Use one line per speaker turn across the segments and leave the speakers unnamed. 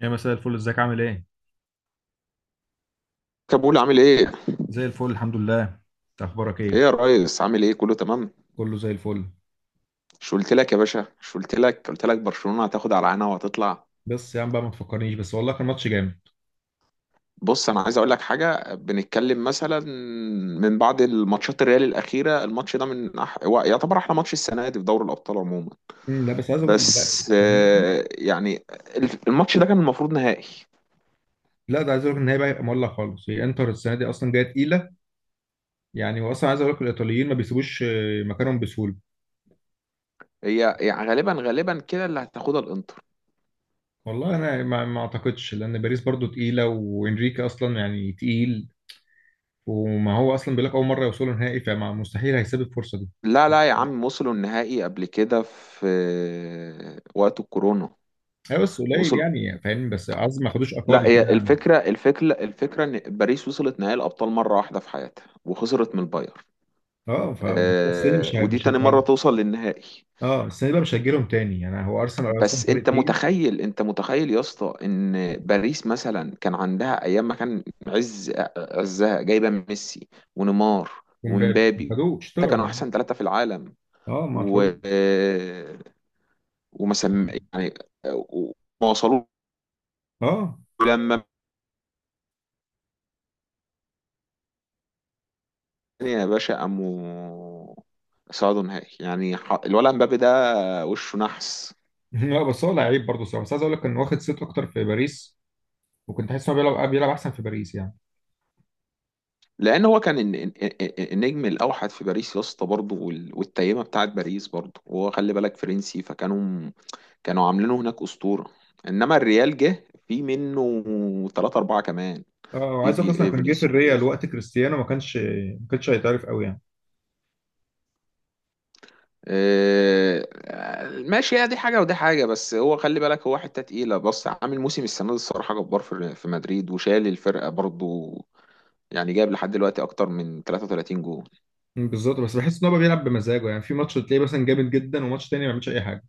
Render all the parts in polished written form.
يا مساء الفل، ازيك عامل ايه؟
كابول عامل ايه؟
زي الفل الحمد لله. انت اخبارك
ايه
ايه؟
يا ريس، عامل ايه، كله تمام؟
كله زي الفل.
مش قلت لك يا باشا؟ مش قلت لك برشلونة هتاخد على عينها وهتطلع.
بس يا عم بقى ما تفكرنيش، بس والله كان ماتش جامد.
بص، انا عايز اقول لك حاجة، بنتكلم مثلا من بعد الماتشات الريال الأخيرة، الماتش ده هو يعتبر احلى ماتش السنة دي في دوري الأبطال عموما.
مم، لا بس عايز اقول لا.
بس
السنة دي-
آه، يعني الماتش ده كان المفروض نهائي.
لا ده عايز اقول لك ان هي بقى هيبقى مولع خالص. هي انتر السنه دي اصلا جايه تقيله، يعني هو اصلا عايز اقول لك الايطاليين ما بيسيبوش مكانهم بسهوله.
هي يعني غالبا غالبا كده اللي هتاخدها الانتر.
والله انا ما اعتقدش، لان باريس برضو تقيله وانريكي اصلا يعني تقيل. وما هو اصلا بيقول لك اول مره يوصلوا نهائي، فمستحيل هيسيب الفرصه دي.
لا لا يا عم، وصلوا النهائي قبل كده في وقت الكورونا.
هي بس قليل
وصل.
يعني فاهم، بس عايز ما خدوش اقوى قبل
لا، هي
كده يعني.
الفكرة إن باريس وصلت نهائي الأبطال مرة واحدة في حياتها وخسرت من البايرن.
اه ف بس دي مش هي-
ودي
مش
تاني مرة
هت-
توصل للنهائي.
اه السنه دي بقى مش هتجيلهم تاني، يعني هو ارسنال اصلا
بس
فريق
أنت
تقيل.
متخيل، يا اسطى، إن باريس مثلا كان عندها أيام ما كان عزها جايبة ميسي ونيمار
ومبابي ما
ومبابي.
خدوه،
ثلاثة
اشتروا
كانوا
يعني.
أحسن ثلاثة في العالم.
اه ما
و
طلعوه.
آه، وما سم يعني آه، وما وصلوا.
اه.
لما، يا باشا، قاموا صعدوا نهائي، يعني الولد مبابي ده وشه نحس.
لا بس هو لعيب برضه صراحه، بس عايز اقول لك كان واخد صيت اكتر في باريس، وكنت حاسس انه بيلعب احسن في باريس يعني.
لان هو كان النجم الاوحد في باريس يا اسطى برضه، والتيمه بتاعت باريس برضه، وهو خلي بالك فرنسي، فكانوا عاملينه هناك اسطوره. انما الريال جه في منه ثلاثة أربعة كمان.
اه
في
وعايز اقول لك اصلا
في آه،
كان جه في الريال
فينيسيوس.
وقت كريستيانو، ما كانش ما كانش هيتعرف قوي يعني.
آه، ماشي، هي دي حاجة ودي حاجة. بس هو خلي بالك، هو حتة تقيلة. بص، عامل موسم السنة دي الصراحة جبار في مدريد وشال الفرقة برضو. يعني جايب لحد دلوقتي اكتر من 33 جول.
مم، بالظبط، بس بحس ان هو بيلعب بمزاجه. يعني في ماتش تلاقيه مثلا جامد جدا، وماتش تاني ما بيعملش اي حاجه.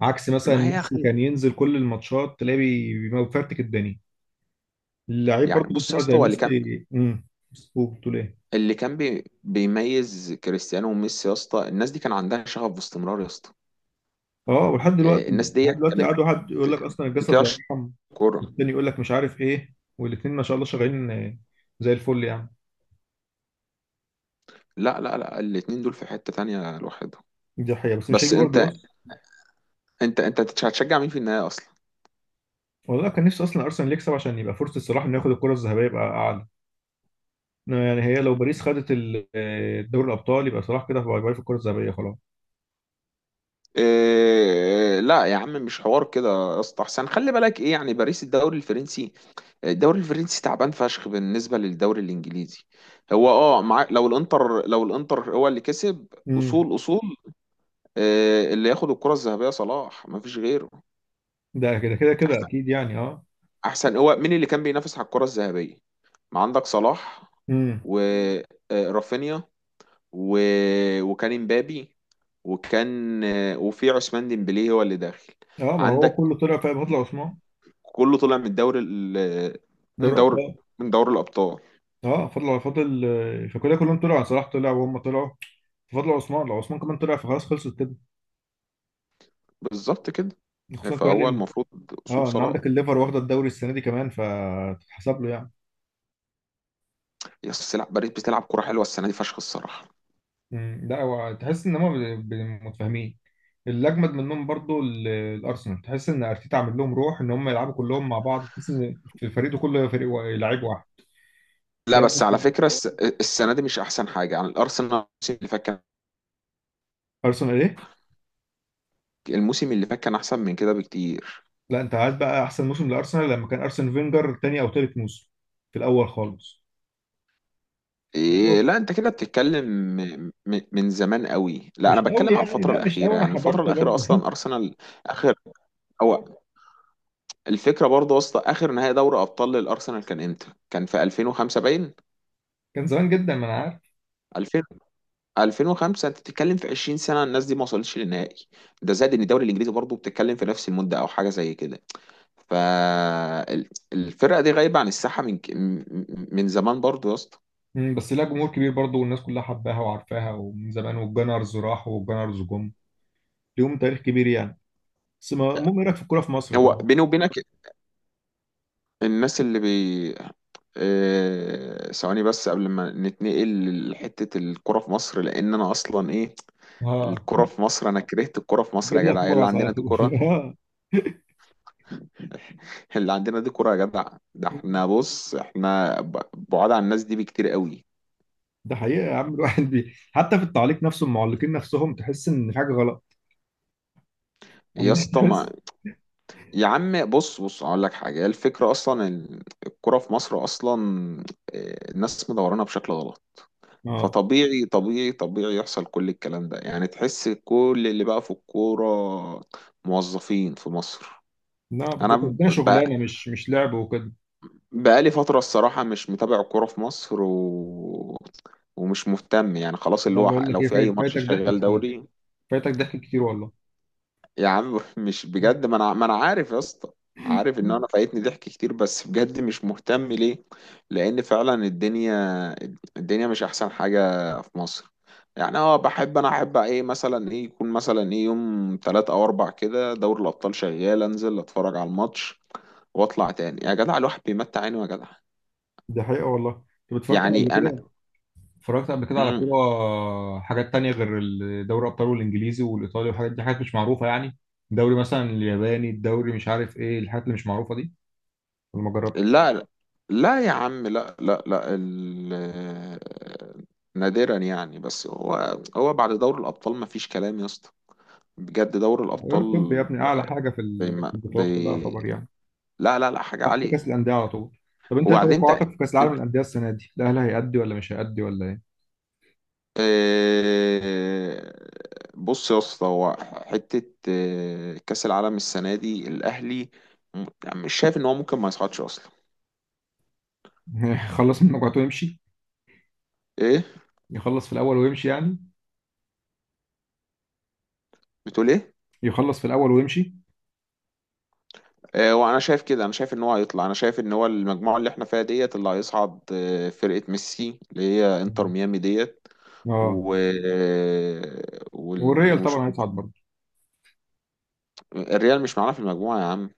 عكس مثلا
ما هي
ميسي،
خل...
كان ينزل كل الماتشات تلاقيه بيفرتك الدنيا. اللعيب
يعني
برضه اللي
بص يا
طلع
اسطى،
زي
هو اللي كان،
ميسي. بتقول ايه؟
بيميز كريستيانو وميسي يا اسطى، الناس دي كان عندها شغف باستمرار يا اسطى.
اه ولحد دلوقتي.
الناس دي
لحد دلوقتي قعد
كانت
واحد يقول لك اصلا الجسد لا
بتعشق
يرحم،
كوره.
والتاني يقول لك مش عارف ايه، والاثنين ما شاء الله شغالين. زي الفل يعني.
لا لا لا، الاتنين دول في حتة تانية لوحدهم.
دي حقيقة، بس مش
بس
هيجي برضه،
انت،
بص.
انت هتشجع مين في النهاية اصلا؟
والله كان نفسي اصلا ارسنال يكسب عشان يبقى فرصة صلاح انه ياخد الكرة الذهبية، يبقى اعلى. إنما يعني هي لو باريس خدت دوري الابطال، يبقى صلاح كده باي باي في الكرة الذهبية خلاص.
إيه لا يا عم، مش حوار كده يا اسطى احسن، خلي بالك ايه يعني. باريس الدوري الفرنسي، الدوري الفرنسي تعبان فشخ بالنسبه للدوري الانجليزي. هو، اه، مع لو الانتر، هو اللي كسب.
امم.
اصول، اللي ياخد الكره الذهبيه صلاح، ما فيش غيره.
ده كده كده كده
احسن،
اكيد يعني، اه.
هو مين اللي كان بينافس على الكره الذهبيه؟ ما عندك صلاح،
امم.
ورافينيا، و... وكان امبابي، وكان وفي عثمان ديمبلي هو اللي داخل.
اه ما هو
عندك
كله طلع في بطل عثمان.
كله طلع من من
دوري
دور
ابطال.
من دوري الابطال.
اه فضل فضل فكده كلهم طلعوا يعني. صلاح طلع وهم طلعوا. فضل عثمان، لو عثمان كمان طلع فخلاص خلصت كده.
بالظبط كده.
خصوصا كمان
فهو
ان
المفروض اصول
اه ان
صلاح.
عندك الليفر واخده الدوري السنه دي كمان، فتتحسب له يعني.
يا أصل لا، باريس بتلعب كرة حلوه السنه دي فشخ الصراحه.
مم، لا هو تحس ان متفاهمين. اللي اجمد منهم برضو الارسنال، تحس ان ارتيتا عامل لهم روح ان هم يلعبوا كلهم مع بعض. تحس ان في الفريق ده كله فريق لعيب واحد.
لا
تلاقي
بس على فكره، السنه دي مش احسن حاجه يعني الارسنال، الموسم اللي فات كان،
ارسنال ايه؟
الموسم اللي فات كان احسن من كده بكتير.
لا انت عايز بقى احسن موسم لارسنال لما كان ارسن فينجر تاني او تالت موسم، في الاول خالص.
إيه لا، انت كده بتتكلم من زمان قوي. لا انا
مش قوي
بتكلم على
يعني،
الفتره
لا مش
الاخيره،
قوي، انا
يعني الفتره
حضرته
الاخيره
برضه.
اصلا ارسنال. اخر، هو الفكره برضه يا اسطى، اخر نهائي دوري ابطال للارسنال كان امتى؟ كان في 2005 باين.
كان زمان جدا، ما انا عارف.
2005 انت بتتكلم في 20 سنه الناس دي ما وصلتش للنهائي. ده زائد ان الدوري الانجليزي برضه بتتكلم في نفس المده او حاجه زي كده. فالفرقه دي غايبه عن الساحه من ك- م- م- من زمان برضه يا اسطى.
مم، بس لها جمهور كبير برضه، والناس كلها حباها وعارفاها ومن زمان، والجنرز راحوا والجنرز جم. ليهم تاريخ كبير يعني. بس ما- المهم، ايه رايك في الكوره في مصر
هو
طبعا؟
بيني وبينك، الناس اللي بي آه، ثواني بس، قبل ما نتنقل لحته الكره في مصر، لان انا اصلا ايه،
اه،
الكره في مصر، انا كرهت الكره في مصر يا
جيب
جدع.
لك
هي اللي
مغص
عندنا
على
دي
طول.
كره؟
آه.
اللي عندنا دي كره يا جدع؟ ده احنا بص، احنا بعاد عن الناس دي بكتير قوي
ده حقيقة يا عم، الواحد حتى في التعليق نفسه المعلقين نفسهم تحس ان في حاجة غلط.
يا
عندنا
اسطى. ما
تحس.
يا عم بص، هقول لك حاجه. هي الفكره اصلا ان الكوره في مصر اصلا، الناس مدورانها بشكل غلط.
اه
فطبيعي طبيعي طبيعي يحصل كل الكلام ده، يعني تحس كل اللي بقى في الكوره موظفين في مصر.
لا
انا
بالظبط، ده
بقى،
شغلانة مش مش لعب وكده.
بقالي فتره الصراحه مش متابع الكوره في مصر ومش مهتم يعني، خلاص اللي
لا
هو
بقول لك
لو
ايه،
في اي ماتش
فايتك ضحك
شغال
كتير.
دوري.
فايتك ضحك كتير والله.
يا عم مش بجد، ما انا عارف يا اسطى، عارف ان انا فايتني ضحك كتير، بس بجد مش مهتم ليه. لان فعلا الدنيا، الدنيا مش احسن حاجة في مصر. يعني اه، بحب انا، احب ايه مثلا، ايه يكون مثلا ايه يوم تلات او اربع كده، دوري الابطال شغال، انزل اتفرج على الماتش واطلع تاني يا جدع. الواحد بيمتع عينه يا جدع.
ده حقيقة والله. انت اتفرجت على
يعني انا.
اتفرجت قبل كده على
مم.
كورة حاجات تانية غير دوري الأبطال والإنجليزي والإيطالي والحاجات دي، حاجات مش معروفة يعني؟ دوري مثلا الياباني، الدوري مش عارف إيه، الحاجات اللي مش معروفة دي، ولا ما جربتش؟
لا لا يا عم، لا لا لا نادرا يعني. بس هو، بعد دوري الأبطال ما فيش كلام يا اسطى. بجد دوري
أيوة،
الأبطال.
الطب يا ابني أعلى حاجة في
بما
في البطولات كلها
بي...
يعتبر يعني.
لا لا لا، حاجة
تحت كأس
عالية.
الأندية على طول. طب أنت إيه
وبعدين انت،
توقعاتك في كأس العالم
انت
للأندية السنة دي؟ الأهلي هيأدي ولا مش هيأدي ولا إيه؟
آه، بص يا اسطى، هو حتة كأس العالم السنة دي الأهلي، يعني مش شايف إن هو ممكن ما يصعدش أصلا.
يخلص من مجموعته ويمشي.
إيه
يخلص في الأول ويمشي يعني.
بتقول إيه.
يخلص في الأول ويمشي.
وانا شايف كده، انا شايف ان هو هيطلع، انا شايف ان هو المجموعه اللي احنا فيها ديت اللي هيصعد، فرقه ميسي اللي هي انتر
مم.
ميامي ديت.
أه.
و آه،
والريال طبعا هيصعد برضه.
الريال مش معانا في المجموعه يا عم.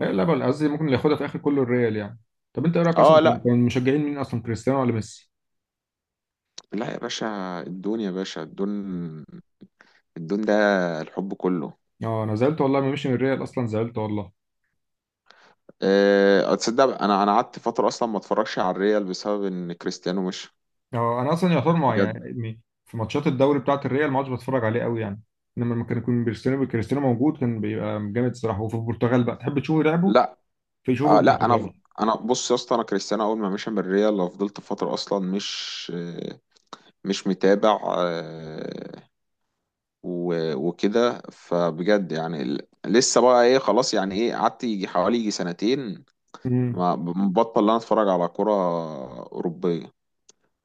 لا لا، بل قصدي ممكن اللي ياخدها في اخر كله الريال يعني. طب انت ايه رايك، اصلا
اه لا،
كان مشجعين مين، اصلا كريستيانو ولا ميسي؟
لا يا باشا، الدون، يا باشا الدون، الدون ده الحب كله.
اه انا زعلت والله ما مشي من الريال، اصلا زعلت والله.
تصدق انا، قعدت فتره اصلا ما اتفرجش على الريال بسبب ان كريستيانو مش.
اه انا اصلا يعتبر مع
بجد.
يعني يعني في ماتشات الدوري بتاعه الريال ما عادش بتفرج عليه قوي يعني. انما لما كان يكون كريستيانو موجود كان بيبقى جامد الصراحه. وفي البرتغال بقى تحب تشوفه لعبه.
لا،
فيشوفه
لا انا،
البرتغال.
بص يا اسطى، انا كريستيانو اول ما مشى من الريال فضلت فتره اصلا مش مش متابع وكده. فبجد يعني لسه بقى ايه خلاص، يعني ايه، قعدت يجي حوالي يجي سنتين.
امم.
ما بطل ان انا اتفرج على كرة اوروبية.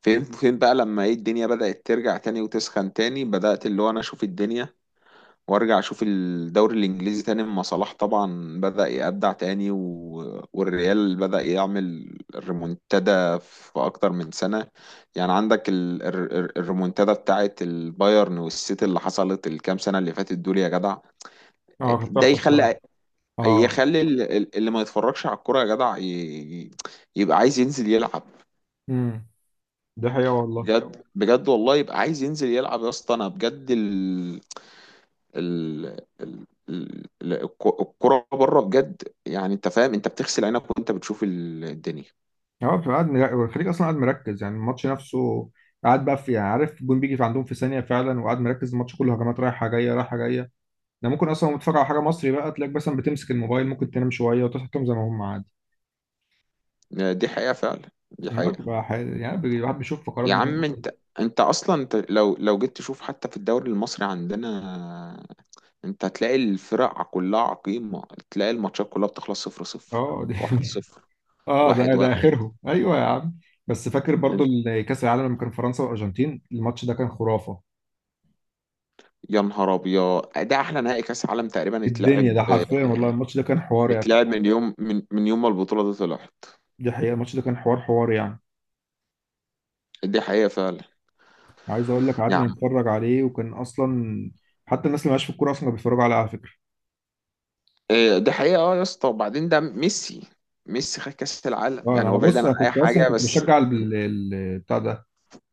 فين، بقى لما ايه الدنيا بدأت ترجع تاني وتسخن تاني، بدأت اللي هو انا اشوف الدنيا، وارجع اشوف الدوري الانجليزي تاني اما صلاح طبعا بدأ يبدع تاني، والريال بدأ يعمل ريمونتادا في اكتر من سنة. يعني عندك الريمونتادا بتاعت البايرن والسيتي اللي حصلت الكام سنة اللي فاتت دول يا جدع.
اه كانت
ده
تحفه الصراحه.
يخلي،
اه.
اللي ما يتفرجش على الكورة يا جدع، يبقى عايز ينزل يلعب.
امم. ده حقيقه والله.
بجد بجد والله يبقى عايز ينزل يلعب يا اسطى، انا بجد. ال... الكرة بره بجد يعني، انت فاهم، انت بتغسل عينك وانت بتشوف الدنيا.
هو بتبقى قاعد الخليج اصلا قاعد مركز يعني الماتش نفسه. قاعد بقى في يعني عارف الجون بيجي في عندهم في ثانيه فعلا، وقاعد مركز الماتش كله، هجمات رايحه جايه رايحه جايه. ده ممكن اصلا وأنت بتتفرج على حاجه مصري بقى، تلاقيك مثلا بتمسك الموبايل، ممكن تنام شويه وتصحى تقوم زي ما هم عادي.
دي حقيقة فعلا، دي
يعني
حقيقة.
بتبقى الواحد بيشوف فقرات
يا
بقى.
عم انت، انت اصلا لو جيت تشوف حتى في الدوري المصري عندنا، انت هتلاقي الفرق كلها عقيمة، تلاقي الماتشات كلها بتخلص صفر صفر،
اه دي.
واحد صفر،
اه ده
واحد
ده
واحد.
اخرهم، ايوه يا عم. بس فاكر برضو كاس العالم لما كان فرنسا والارجنتين، الماتش ده كان خرافه.
يا نهار ابيض، ده احلى نهائي كاس عالم تقريبا
الدنيا، ده
اتلعب،
حرفيا والله الماتش ده كان حوار يعني.
من يوم، من يوم ما البطولة دي طلعت.
دي حقيقه، الماتش ده كان حوار حوار يعني.
دي حقيقة فعلا
عايز اقول لك
يا.
قعدنا نتفرج عليه، وكان اصلا حتى الناس اللي مالهاش في الكوره اصلا كانوا بيتفرجوا عليه على فكره.
إيه، ده حقيقة اه يا اسطى. وبعدين ده ميسي، ميسي خد كأس العالم،
اه انا
يعني
أنا
هو بعيدا
بص،
عن
انا
أي
كنت اصلا
حاجة.
كنت
بس
بشجع بتاع ده،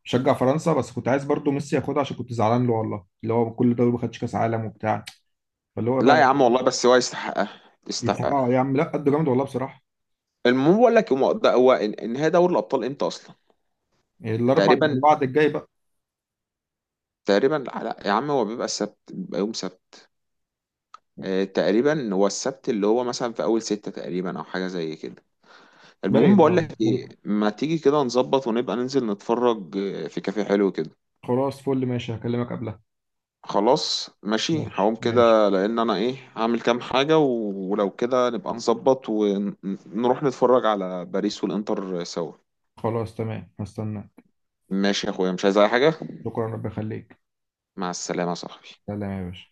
بشجع فرنسا، بس كنت عايز برضو ميسي ياخدها عشان كنت زعلان له والله، اللي هو كل ده ما خدش كاس عالم وبتاع. فاللي هو بقى
لا يا عم والله، بس هو يستحقها، يستحقها.
يستحقها يا عم، لا قد جامد والله بصراحه.
المهم بقول لك، هو ده، هو النهاية دوري الأبطال إمتى أصلا؟
الاربع
تقريبا.
اللي بعد الجاي بقى.
تقريبا لا يا عم، هو بيبقى السبت، بيبقى يوم سبت. تقريبا هو السبت اللي هو مثلا في أول ستة تقريبا أو حاجة زي كده. المهم
باين
بقول
اه
لك إيه،
ممكن.
ما تيجي كده نظبط ونبقى ننزل نتفرج في كافيه حلو كده.
خلاص فل، ماشي هكلمك قبلها.
خلاص ماشي،
ماشي
هقوم
ماشي.
كده لان انا ايه هعمل كام حاجة، ولو كده نبقى نظبط ونروح نتفرج على باريس والانتر سوا.
خلاص تمام هستنى.
ماشي يا اخويا، مش عايز اي حاجة.
شكرا، ربي يخليك.
مع السلامة يا صاحبي.
سلام يا باشا.